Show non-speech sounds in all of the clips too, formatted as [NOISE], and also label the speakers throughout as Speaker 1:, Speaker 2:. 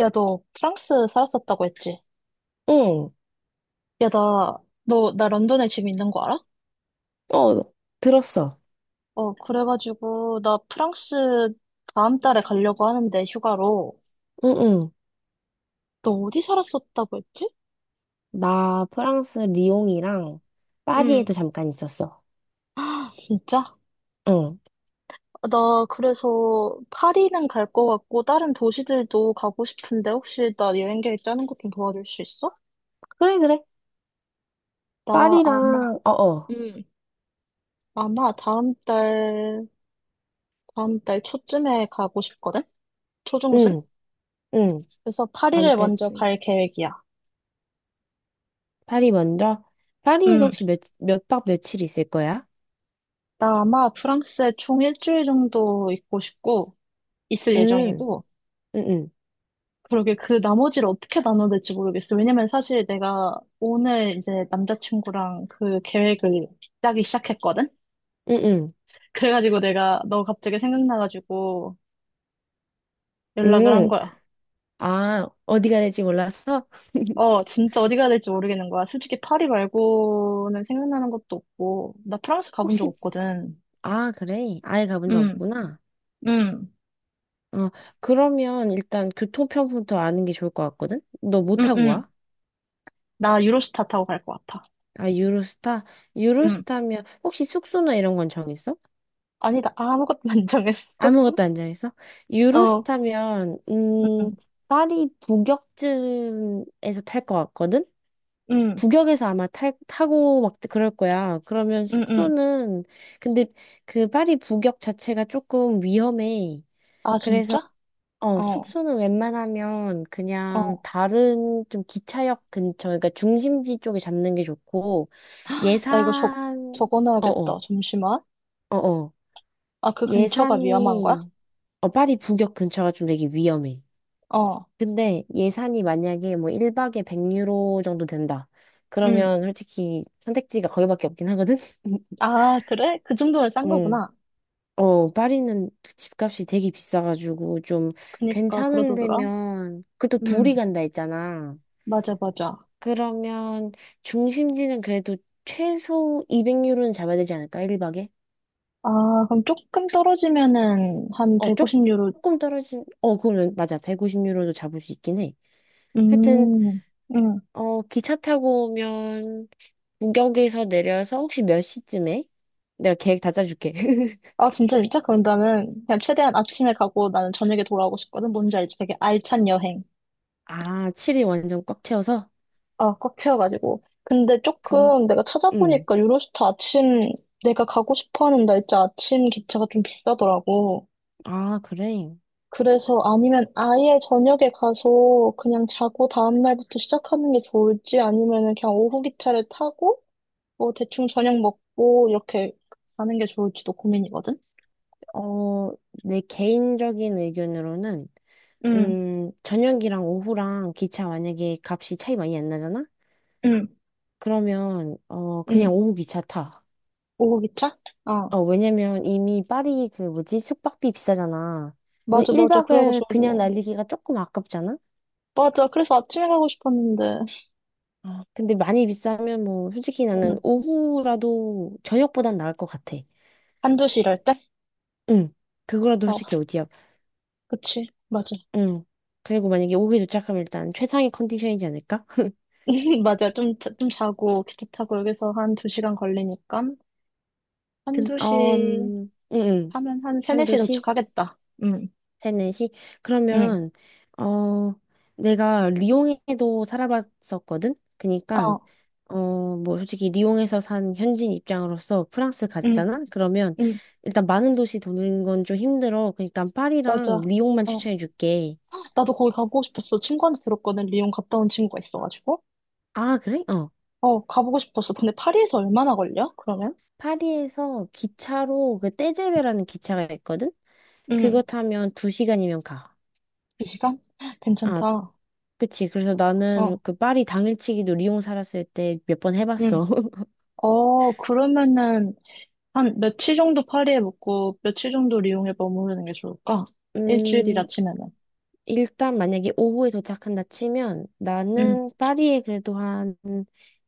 Speaker 1: 야, 너 프랑스 살았었다고 했지?
Speaker 2: 응,
Speaker 1: 야, 나, 너, 나 런던에 지금 있는 거 알아?
Speaker 2: 어, 들었어.
Speaker 1: 어, 그래가지고, 나 프랑스 다음 달에 가려고 하는데, 휴가로.
Speaker 2: 응, 응.
Speaker 1: 너 어디 살았었다고 했지?
Speaker 2: 나 프랑스 리옹이랑
Speaker 1: 응,
Speaker 2: 파리에도 잠깐 있었어.
Speaker 1: 진짜?
Speaker 2: 응.
Speaker 1: 나 그래서 파리는 갈 거 같고, 다른 도시들도 가고 싶은데, 혹시 나 여행 계획 짜는 것 좀 도와줄 수 있어?
Speaker 2: 그래, 그래.
Speaker 1: 나 아마,
Speaker 2: 파리랑, 어, 어.
Speaker 1: 응. 아마 다음 달, 다음 달 초쯤에 가고 싶거든? 초중순?
Speaker 2: 응, 응.
Speaker 1: 그래서
Speaker 2: 다음
Speaker 1: 파리를
Speaker 2: 달,
Speaker 1: 먼저 갈 계획이야.
Speaker 2: 파리 먼저? 파리에서 혹시
Speaker 1: 응,
Speaker 2: 몇 박 며칠 있을 거야?
Speaker 1: 나 아마 프랑스에 총 일주일 정도 있고 싶고, 있을
Speaker 2: 응,
Speaker 1: 예정이고,
Speaker 2: 응, 응,
Speaker 1: 그러게 그 나머지를 어떻게 나눠야 될지 모르겠어. 왜냐면 사실 내가 오늘 이제 남자친구랑 그 계획을 짜기 시작했거든?
Speaker 2: 응, 응.
Speaker 1: 그래가지고 내가 너 갑자기 생각나가지고 연락을 한
Speaker 2: 응.
Speaker 1: 거야.
Speaker 2: 아, 어디가 될지 몰랐어? [LAUGHS]
Speaker 1: 어, 진짜 어디 가야 될지 모르겠는 거야. 솔직히 파리 말고는 생각나는 것도 없고, 나 프랑스 가본 적
Speaker 2: 혹시,
Speaker 1: 없거든.
Speaker 2: 아, 그래. 아예 가본 적
Speaker 1: 응,
Speaker 2: 없구나.
Speaker 1: 응,
Speaker 2: 어, 그러면 일단 교통편부터 아는 게 좋을 것 같거든? 너 뭐
Speaker 1: 응,
Speaker 2: 타고
Speaker 1: 응.
Speaker 2: 와?
Speaker 1: 나 유로스타 타고 갈 것 같아.
Speaker 2: 아, 유로스타?
Speaker 1: 응.
Speaker 2: 유로스타면, 혹시 숙소나 이런 건 정했어?
Speaker 1: 아니다, 아무것도 안 정했어.
Speaker 2: 아무것도 안 정했어?
Speaker 1: 어,
Speaker 2: 유로스타면,
Speaker 1: 응,
Speaker 2: 파리 북역쯤에서 탈 것 같거든?
Speaker 1: 응,
Speaker 2: 북역에서 아마 타고 막 그럴 거야. 그러면
Speaker 1: 응, 응.
Speaker 2: 숙소는, 근데 그 파리 북역 자체가 조금 위험해.
Speaker 1: 아,
Speaker 2: 그래서,
Speaker 1: 진짜? 어,
Speaker 2: 숙소는 웬만하면 그냥
Speaker 1: 어.
Speaker 2: 다른 좀 기차역 근처, 그러니까 중심지 쪽에 잡는 게 좋고,
Speaker 1: 나 이거 적,
Speaker 2: 예산,
Speaker 1: 적어놔야겠다.
Speaker 2: 어어.
Speaker 1: 잠시만.
Speaker 2: 어어.
Speaker 1: 아, 그 근처가 위험한 거야?
Speaker 2: 예산이, 파리 북역 근처가 좀 되게 위험해.
Speaker 1: 어,
Speaker 2: 근데 예산이 만약에 뭐 1박에 100유로 정도 된다.
Speaker 1: 응.
Speaker 2: 그러면 솔직히 선택지가 거기밖에 없긴 하거든? [LAUGHS]
Speaker 1: 아, 그래? 그 정도면 싼
Speaker 2: 응.
Speaker 1: 거구나.
Speaker 2: 어, 파리는 집값이 되게 비싸가지고 좀
Speaker 1: 그니까,
Speaker 2: 괜찮은
Speaker 1: 그러더더라.
Speaker 2: 데면, 그또
Speaker 1: 응,
Speaker 2: 둘이 간다 했잖아.
Speaker 1: 맞아, 맞아.
Speaker 2: 그러면 중심지는 그래도 최소 200유로는 잡아야 되지 않을까? 1박에?
Speaker 1: 아, 그럼 조금 떨어지면은 한
Speaker 2: 어,
Speaker 1: 150유로,
Speaker 2: 조금 떨어진, 어, 그러면 맞아. 150유로도 잡을 수 있긴 해. 하여튼
Speaker 1: 음, 응.
Speaker 2: 기차 타고 오면 구격에서 내려서 혹시 몇 시쯤에? 내가 계획 다 짜줄게. [LAUGHS]
Speaker 1: 아, 진짜, 진짜? 그럼 나는 그냥 최대한 아침에 가고 나는 저녁에 돌아오고 싶거든. 뭔지 알지? 되게 알찬 여행.
Speaker 2: 아, 7일 완전 꽉 채워서?
Speaker 1: 아, 꽉 채워가지고. 근데
Speaker 2: 그럼,
Speaker 1: 조금 내가
Speaker 2: 음.
Speaker 1: 찾아보니까 유로스타 아침, 내가 가고 싶어 하는 날짜 아침 기차가 좀 비싸더라고.
Speaker 2: 아, 그래.
Speaker 1: 그래서 아니면 아예 저녁에 가서 그냥 자고 다음날부터 시작하는 게 좋을지 아니면은 그냥 오후 기차를 타고 뭐 대충 저녁 먹고 이렇게 가는 게 좋을지도 고민이거든?
Speaker 2: 어, 내 개인적인 의견으로는,
Speaker 1: 응,
Speaker 2: 저녁이랑 오후랑 기차 만약에 값이 차이 많이 안 나잖아?
Speaker 1: 응,
Speaker 2: 그러면,
Speaker 1: 응.
Speaker 2: 그냥 오후 기차 타.
Speaker 1: 오후 기차? 아,
Speaker 2: 어, 왜냐면 이미 파리 그 뭐지? 숙박비 비싸잖아. 근데
Speaker 1: 맞아, 맞아.
Speaker 2: 1박을
Speaker 1: 그래가지고.
Speaker 2: 그냥 날리기가 조금 아깝잖아?
Speaker 1: 맞아. 그래서 아침에 가고 싶었는데.
Speaker 2: 아, 근데 많이 비싸면 뭐 솔직히
Speaker 1: 응.
Speaker 2: 나는 오후라도 저녁보단 나을 것 같아.
Speaker 1: 한두 시 이럴 때?
Speaker 2: 응. 그거라도
Speaker 1: 어.
Speaker 2: 솔직히 어디야.
Speaker 1: 그치, 맞아.
Speaker 2: 응. 그리고 만약에 오후에 도착하면 일단 최상의 컨디션이지 않을까? [LAUGHS]
Speaker 1: [LAUGHS] 맞아. 좀, 좀 자고, 기차 타고 여기서 한 두 시간 걸리니까, 한두 시
Speaker 2: 응, 응.
Speaker 1: 하면 한 세네
Speaker 2: 한두
Speaker 1: 시
Speaker 2: 시?
Speaker 1: 도착하겠다. 응,
Speaker 2: 세네시.
Speaker 1: 응,
Speaker 2: 그러면 어 내가 리옹에도 살아봤었거든. 그니까
Speaker 1: 어,
Speaker 2: 어뭐 솔직히 리옹에서 산 현지인 입장으로서 프랑스
Speaker 1: 응,
Speaker 2: 가잖아. 그러면
Speaker 1: 응,
Speaker 2: 일단 많은 도시 도는 건 좀 힘들어. 그니까 파리랑
Speaker 1: 맞아.
Speaker 2: 리옹만
Speaker 1: 어,
Speaker 2: 추천해 줄게.
Speaker 1: 나도 거기 가보고 싶었어. 친구한테 들었거든. 리옹 갔다 온 친구가 있어가지고.
Speaker 2: 아, 그래? 어.
Speaker 1: 어, 가보고 싶었어. 근데 파리에서 얼마나 걸려? 그러면?
Speaker 2: 파리에서 기차로 그 떼제베라는 기차가 있거든. 그거
Speaker 1: 응,
Speaker 2: 타면 두시간이면 가.
Speaker 1: 두 시간? [GASPS]
Speaker 2: 아,
Speaker 1: 괜찮다.
Speaker 2: 그치. 그래서 나는
Speaker 1: 어,
Speaker 2: 그 파리 당일치기도 리옹 살았을 때 몇 번
Speaker 1: 응.
Speaker 2: 해봤어. [LAUGHS]
Speaker 1: 어, 그러면은, 한 며칠 정도 파리에 묵고, 며칠 정도 리옹에 머무르는 게 좋을까? 일주일이라
Speaker 2: 음,
Speaker 1: 치면.
Speaker 2: 일단 만약에 오후에 도착한다 치면
Speaker 1: 응,
Speaker 2: 나는 파리에 그래도 한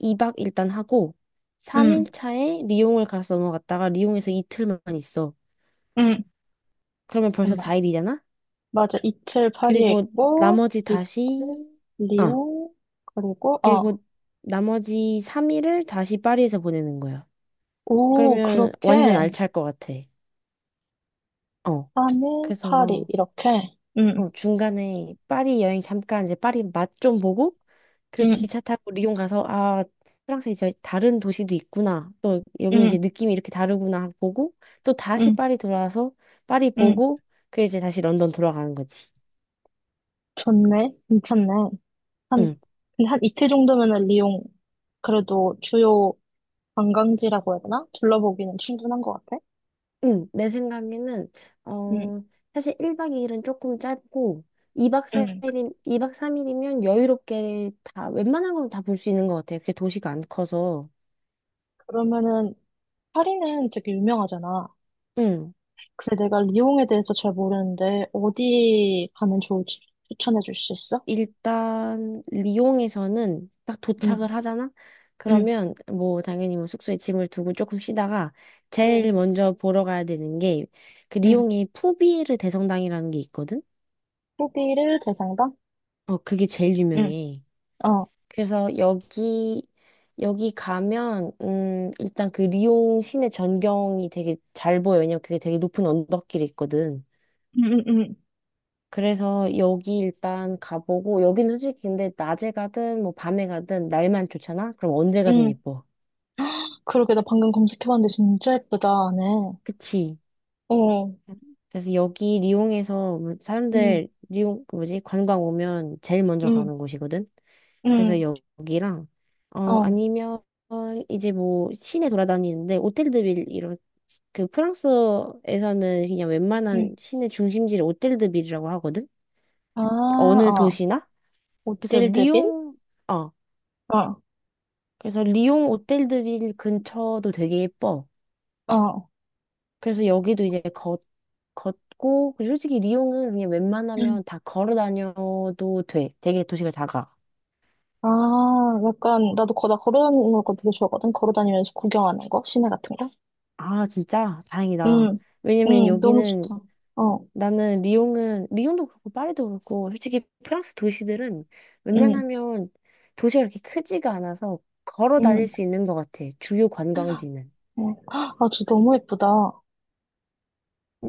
Speaker 2: 2박 일단 하고 3일
Speaker 1: 응,
Speaker 2: 차에 리옹을 가서 넘어갔다가 리옹에서 이틀만 있어.
Speaker 1: 응.
Speaker 2: 그러면 벌써
Speaker 1: 잠깐만.
Speaker 2: 4일이잖아?
Speaker 1: 맞아. 이틀 파리에
Speaker 2: 그리고
Speaker 1: 있고,
Speaker 2: 나머지
Speaker 1: 이틀
Speaker 2: 다시 아,
Speaker 1: 리옹, 그리고, 어,
Speaker 2: 그리고 나머지 3일을 다시 파리에서 보내는 거야.
Speaker 1: 오,
Speaker 2: 그러면 완전
Speaker 1: 그렇게,
Speaker 2: 알찰 것 같아. 어.
Speaker 1: 3일 파리,
Speaker 2: 그래서
Speaker 1: 이렇게. 응,
Speaker 2: 중간에 파리 여행 잠깐 이제 파리 맛 좀 보고 그리고
Speaker 1: 응,
Speaker 2: 기차 타고 리옹 가서 아 프랑스에 이제 다른 도시도 있구나 또 여기 이제
Speaker 1: 응,
Speaker 2: 느낌이 이렇게 다르구나 하고 보고 또 다시
Speaker 1: 응,
Speaker 2: 파리 돌아와서 파리
Speaker 1: 응.
Speaker 2: 보고 그 이제 다시 런던 돌아가는 거지.
Speaker 1: 좋네. 괜찮네. 한,
Speaker 2: 응.
Speaker 1: 근데 한 이틀 정도면은 리옹, 그래도 주요 관광지라고 해야 되나? 둘러보기는 충분한 것 같아.
Speaker 2: 응. 내 생각에는
Speaker 1: 응,
Speaker 2: 어 사실 1박 2일은 조금 짧고 2박
Speaker 1: 응.
Speaker 2: 4일이 이박 3일이면 여유롭게 다 웬만한 건 다 볼 수 있는 것 같아요. 그게 도시가 안 커서.
Speaker 1: 그러면은, 파리는 되게 유명하잖아.
Speaker 2: 응.
Speaker 1: 그래, 내가 리옹에 대해서 잘 모르는데, 어디 가면 좋을지 추천해 줄 수 있어?
Speaker 2: 일단 리옹에서는 딱
Speaker 1: 응,
Speaker 2: 도착을 하잖아?
Speaker 1: 응,
Speaker 2: 그러면 뭐 당연히 뭐 숙소에 짐을 두고 조금 쉬다가
Speaker 1: 응,
Speaker 2: 제일 먼저 보러 가야 되는 게 그
Speaker 1: 응.
Speaker 2: 리옹에 푸비에르 대성당이라는 게 있거든?
Speaker 1: 후기를 대상당?
Speaker 2: 어, 그게 제일
Speaker 1: 응,
Speaker 2: 유명해.
Speaker 1: 어.
Speaker 2: 그래서 여기 가면 일단 그 리옹 시내 전경이 되게 잘 보여. 왜냐면 그게 되게 높은 언덕길이 있거든.
Speaker 1: 응, 응, 응,
Speaker 2: 그래서 여기 일단 가보고 여기는 솔직히 근데 낮에 가든 뭐 밤에 가든 날만 좋잖아? 그럼 언제 가든
Speaker 1: 응.
Speaker 2: 예뻐.
Speaker 1: 그러게, 나 방금 검색해봤는데 진짜 예쁘다, 안에.
Speaker 2: 그치?
Speaker 1: 어,
Speaker 2: 그래서 여기 리옹에서 뭐
Speaker 1: 응,
Speaker 2: 사람들 리옹 그 뭐지? 관광 오면 제일 먼저
Speaker 1: 응,
Speaker 2: 가는 곳이거든. 그래서
Speaker 1: 응,
Speaker 2: 여기랑
Speaker 1: 어,
Speaker 2: 아니면 이제 뭐 시내 돌아다니는데 오텔드빌 이런 그 프랑스에서는 그냥
Speaker 1: 응.
Speaker 2: 웬만한 시내 중심지를 오텔드빌이라고 하거든.
Speaker 1: 아,
Speaker 2: 어느
Speaker 1: 어.
Speaker 2: 도시나? 그래서
Speaker 1: 오딜드빌?
Speaker 2: 리옹 어.
Speaker 1: 어,
Speaker 2: 그래서 리옹 오텔드빌 근처도 되게 예뻐.
Speaker 1: 어.
Speaker 2: 그래서 여기도 이제 걷고, 그리고 솔직히 리옹은 그냥
Speaker 1: 응.
Speaker 2: 웬만하면 다 걸어 다녀도 돼. 되게 도시가 작아.
Speaker 1: 아, 약간, 나 걸어다니는 거 되게 좋아하거든? 걸어다니면서 구경하는 거? 시내 같은 거?
Speaker 2: 아, 진짜? 다행이다.
Speaker 1: 응,
Speaker 2: 왜냐면
Speaker 1: 응, 너무
Speaker 2: 여기는
Speaker 1: 좋다. 어.
Speaker 2: 나는 리옹은, 리옹도 그렇고 파리도 그렇고, 솔직히 프랑스 도시들은
Speaker 1: 응,
Speaker 2: 웬만하면 도시가 그렇게 크지가 않아서 걸어 다닐
Speaker 1: 응.
Speaker 2: 수 있는 것 같아. 주요 관광지는.
Speaker 1: 어. 아, 저 너무 예쁘다.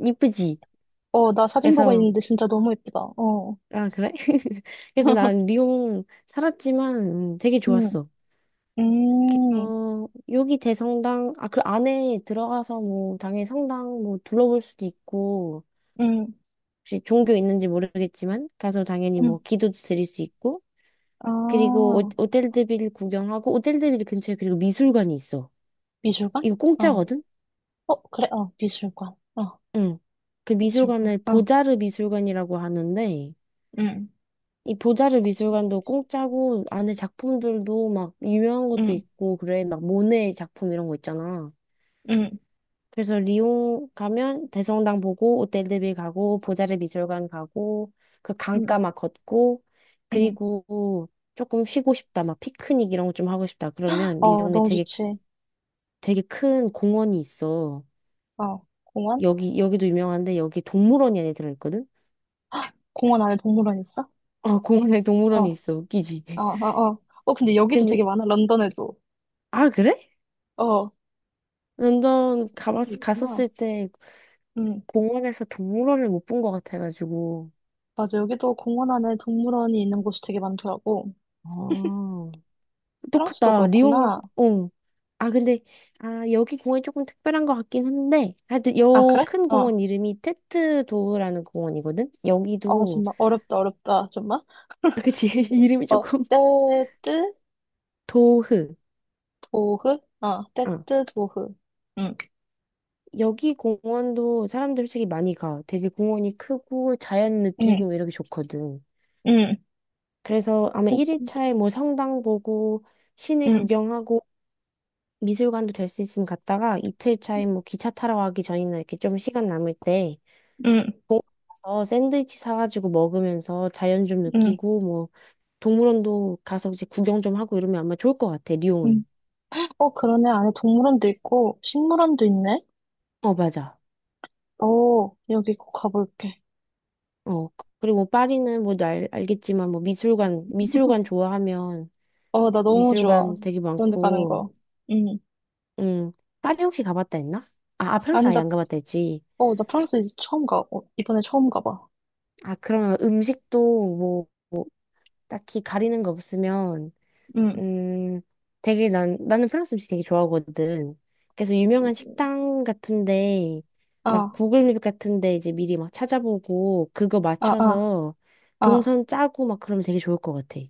Speaker 2: 이쁘지?
Speaker 1: 어, 나 사진 보고
Speaker 2: 그래서
Speaker 1: 있는데 진짜 너무 예쁘다. 어.
Speaker 2: 아, 그래? [LAUGHS] 그래서 난
Speaker 1: [LAUGHS]
Speaker 2: 리옹 살았지만 되게
Speaker 1: 응,
Speaker 2: 좋았어.
Speaker 1: 음,
Speaker 2: 그래서 여기 대성당, 아, 그 안에 들어가서 뭐 당연히 성당 뭐 둘러볼 수도 있고,
Speaker 1: 응,
Speaker 2: 혹시 종교 있는지 모르겠지만, 가서 당연히
Speaker 1: 응.
Speaker 2: 뭐 기도도 드릴 수 있고, 그리고
Speaker 1: 아,
Speaker 2: 오텔드빌 구경하고, 오텔드빌 근처에 그리고 미술관이 있어.
Speaker 1: 미술관?
Speaker 2: 이거
Speaker 1: 어.
Speaker 2: 공짜거든?
Speaker 1: 어, 그래, 어, 미술관. 어,
Speaker 2: 응. 그
Speaker 1: 미술관.
Speaker 2: 미술관을
Speaker 1: 어,
Speaker 2: 보자르 미술관이라고 하는데,
Speaker 1: 응,
Speaker 2: 이 보자르 미술관도 공짜고 안에 작품들도 막 유명한 것도
Speaker 1: 응,
Speaker 2: 있고 그래 막 모네 작품 이런 거 있잖아.
Speaker 1: 응,
Speaker 2: 그래서 리옹 가면 대성당 보고 오텔드빌 가고 보자르 미술관 가고 그
Speaker 1: 응,
Speaker 2: 강가 막 걷고
Speaker 1: 응.
Speaker 2: 그리고 조금 쉬고 싶다 막 피크닉 이런 거 좀 하고 싶다 그러면
Speaker 1: 어,
Speaker 2: 리옹에
Speaker 1: 너무
Speaker 2: 되게
Speaker 1: 좋지.
Speaker 2: 되게 큰 공원이 있어.
Speaker 1: 어, 공원?
Speaker 2: 여기도 유명한데 여기 동물원이 안에 들어있거든.
Speaker 1: 공원 안에 동물원 있어?
Speaker 2: 아 공원에
Speaker 1: 어, 어,
Speaker 2: 동물원이 있어 웃기지. [LAUGHS]
Speaker 1: 어, 어. 어, 근데 여기도
Speaker 2: 근데
Speaker 1: 되게 많아, 런던에도.
Speaker 2: 아 그래?
Speaker 1: 어,
Speaker 2: 런던
Speaker 1: 그런 게 있구나.
Speaker 2: 갔었을 때
Speaker 1: 응.
Speaker 2: 공원에서 동물원을 못 본 것 같아가지고.
Speaker 1: 맞아, 여기도 공원 안에 동물원이 있는 곳이 되게 많더라고.
Speaker 2: 아,
Speaker 1: 프랑스도
Speaker 2: 똑같다. 리옹,
Speaker 1: 그렇구나.
Speaker 2: 어. 아, 근데, 아, 여기 공원이 조금 특별한 것 같긴 한데, 하여튼,
Speaker 1: 아,
Speaker 2: 요
Speaker 1: 그래?
Speaker 2: 큰
Speaker 1: 어.
Speaker 2: 공원 이름이 테트 도흐라는 공원이거든?
Speaker 1: 어,
Speaker 2: 여기도,
Speaker 1: 정말 어렵다, 어렵다, 정말.
Speaker 2: 아, 그치, [LAUGHS] 이름이
Speaker 1: 어,
Speaker 2: 조금,
Speaker 1: 떼뜨
Speaker 2: 도흐.
Speaker 1: 도흐? 어,
Speaker 2: 어.
Speaker 1: 떼뜨 도흐. 응,
Speaker 2: 여기 공원도 사람들 솔직히 많이 가. 되게 공원이 크고, 자연
Speaker 1: 응,
Speaker 2: 느끼고, 이렇게 좋거든.
Speaker 1: 응,
Speaker 2: 그래서 아마
Speaker 1: 떼뜨,
Speaker 2: 1일차에 뭐 성당 보고, 시내
Speaker 1: 응,
Speaker 2: 구경하고, 미술관도 될 수 있으면 갔다가 이틀 차에 뭐 기차 타러 가기 전이나 이렇게 좀 시간 남을 때
Speaker 1: 응,
Speaker 2: 공원 가서 샌드위치 사가지고 먹으면서 자연 좀
Speaker 1: 응,
Speaker 2: 느끼고 뭐 동물원도 가서 이제 구경 좀 하고 이러면 아마 좋을 것 같아,
Speaker 1: 응.
Speaker 2: 리옹은.
Speaker 1: 어, 그러네. 안에 동물원도 있고, 식물원도 있네.
Speaker 2: 어, 맞아.
Speaker 1: 오, 여기 꼭 가볼게.
Speaker 2: 어, 그리고 뭐 파리는 뭐 알겠지만 뭐 미술관 좋아하면
Speaker 1: 어, 나 너무 좋아.
Speaker 2: 미술관 되게
Speaker 1: 그런 데 가는
Speaker 2: 많고,
Speaker 1: 거. 응.
Speaker 2: 음, 파리 혹시 가봤다 했나? 아, 아 프랑스
Speaker 1: 아니,
Speaker 2: 아예
Speaker 1: 나,
Speaker 2: 안 가봤다 했지.
Speaker 1: 어, 나 프랑스 이제 처음 가. 어, 이번에 처음 가봐.
Speaker 2: 아, 그러면 음식도 뭐 딱히 가리는 거 없으면
Speaker 1: 응.
Speaker 2: 음, 되게 나는 프랑스 음식 되게 좋아하거든. 그래서 유명한 식당 같은데, 막
Speaker 1: 아,
Speaker 2: 구글 맵 같은데 이제 미리 막 찾아보고, 그거
Speaker 1: 아, 아.
Speaker 2: 맞춰서
Speaker 1: 아,
Speaker 2: 동선 짜고 막 그러면 되게 좋을 것 같아.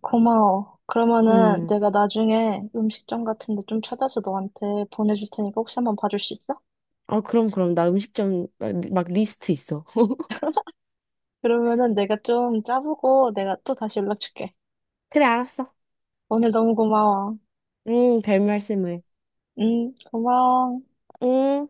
Speaker 1: 고마워. 그러면은
Speaker 2: 음,
Speaker 1: 내가 나중에 음식점 같은 데 좀 찾아서 너한테 보내줄 테니까 혹시 한번 봐줄 수 있어?
Speaker 2: 어, 그럼, 그럼. 나 음식점 막 리스트 있어. [LAUGHS]
Speaker 1: 그러면은 내가 좀 짜보고 내가 또 다시 연락 줄게.
Speaker 2: 그래, 알았어.
Speaker 1: 오늘 너무 고마워.
Speaker 2: 별 말씀을.
Speaker 1: 응, 고마워.
Speaker 2: 음.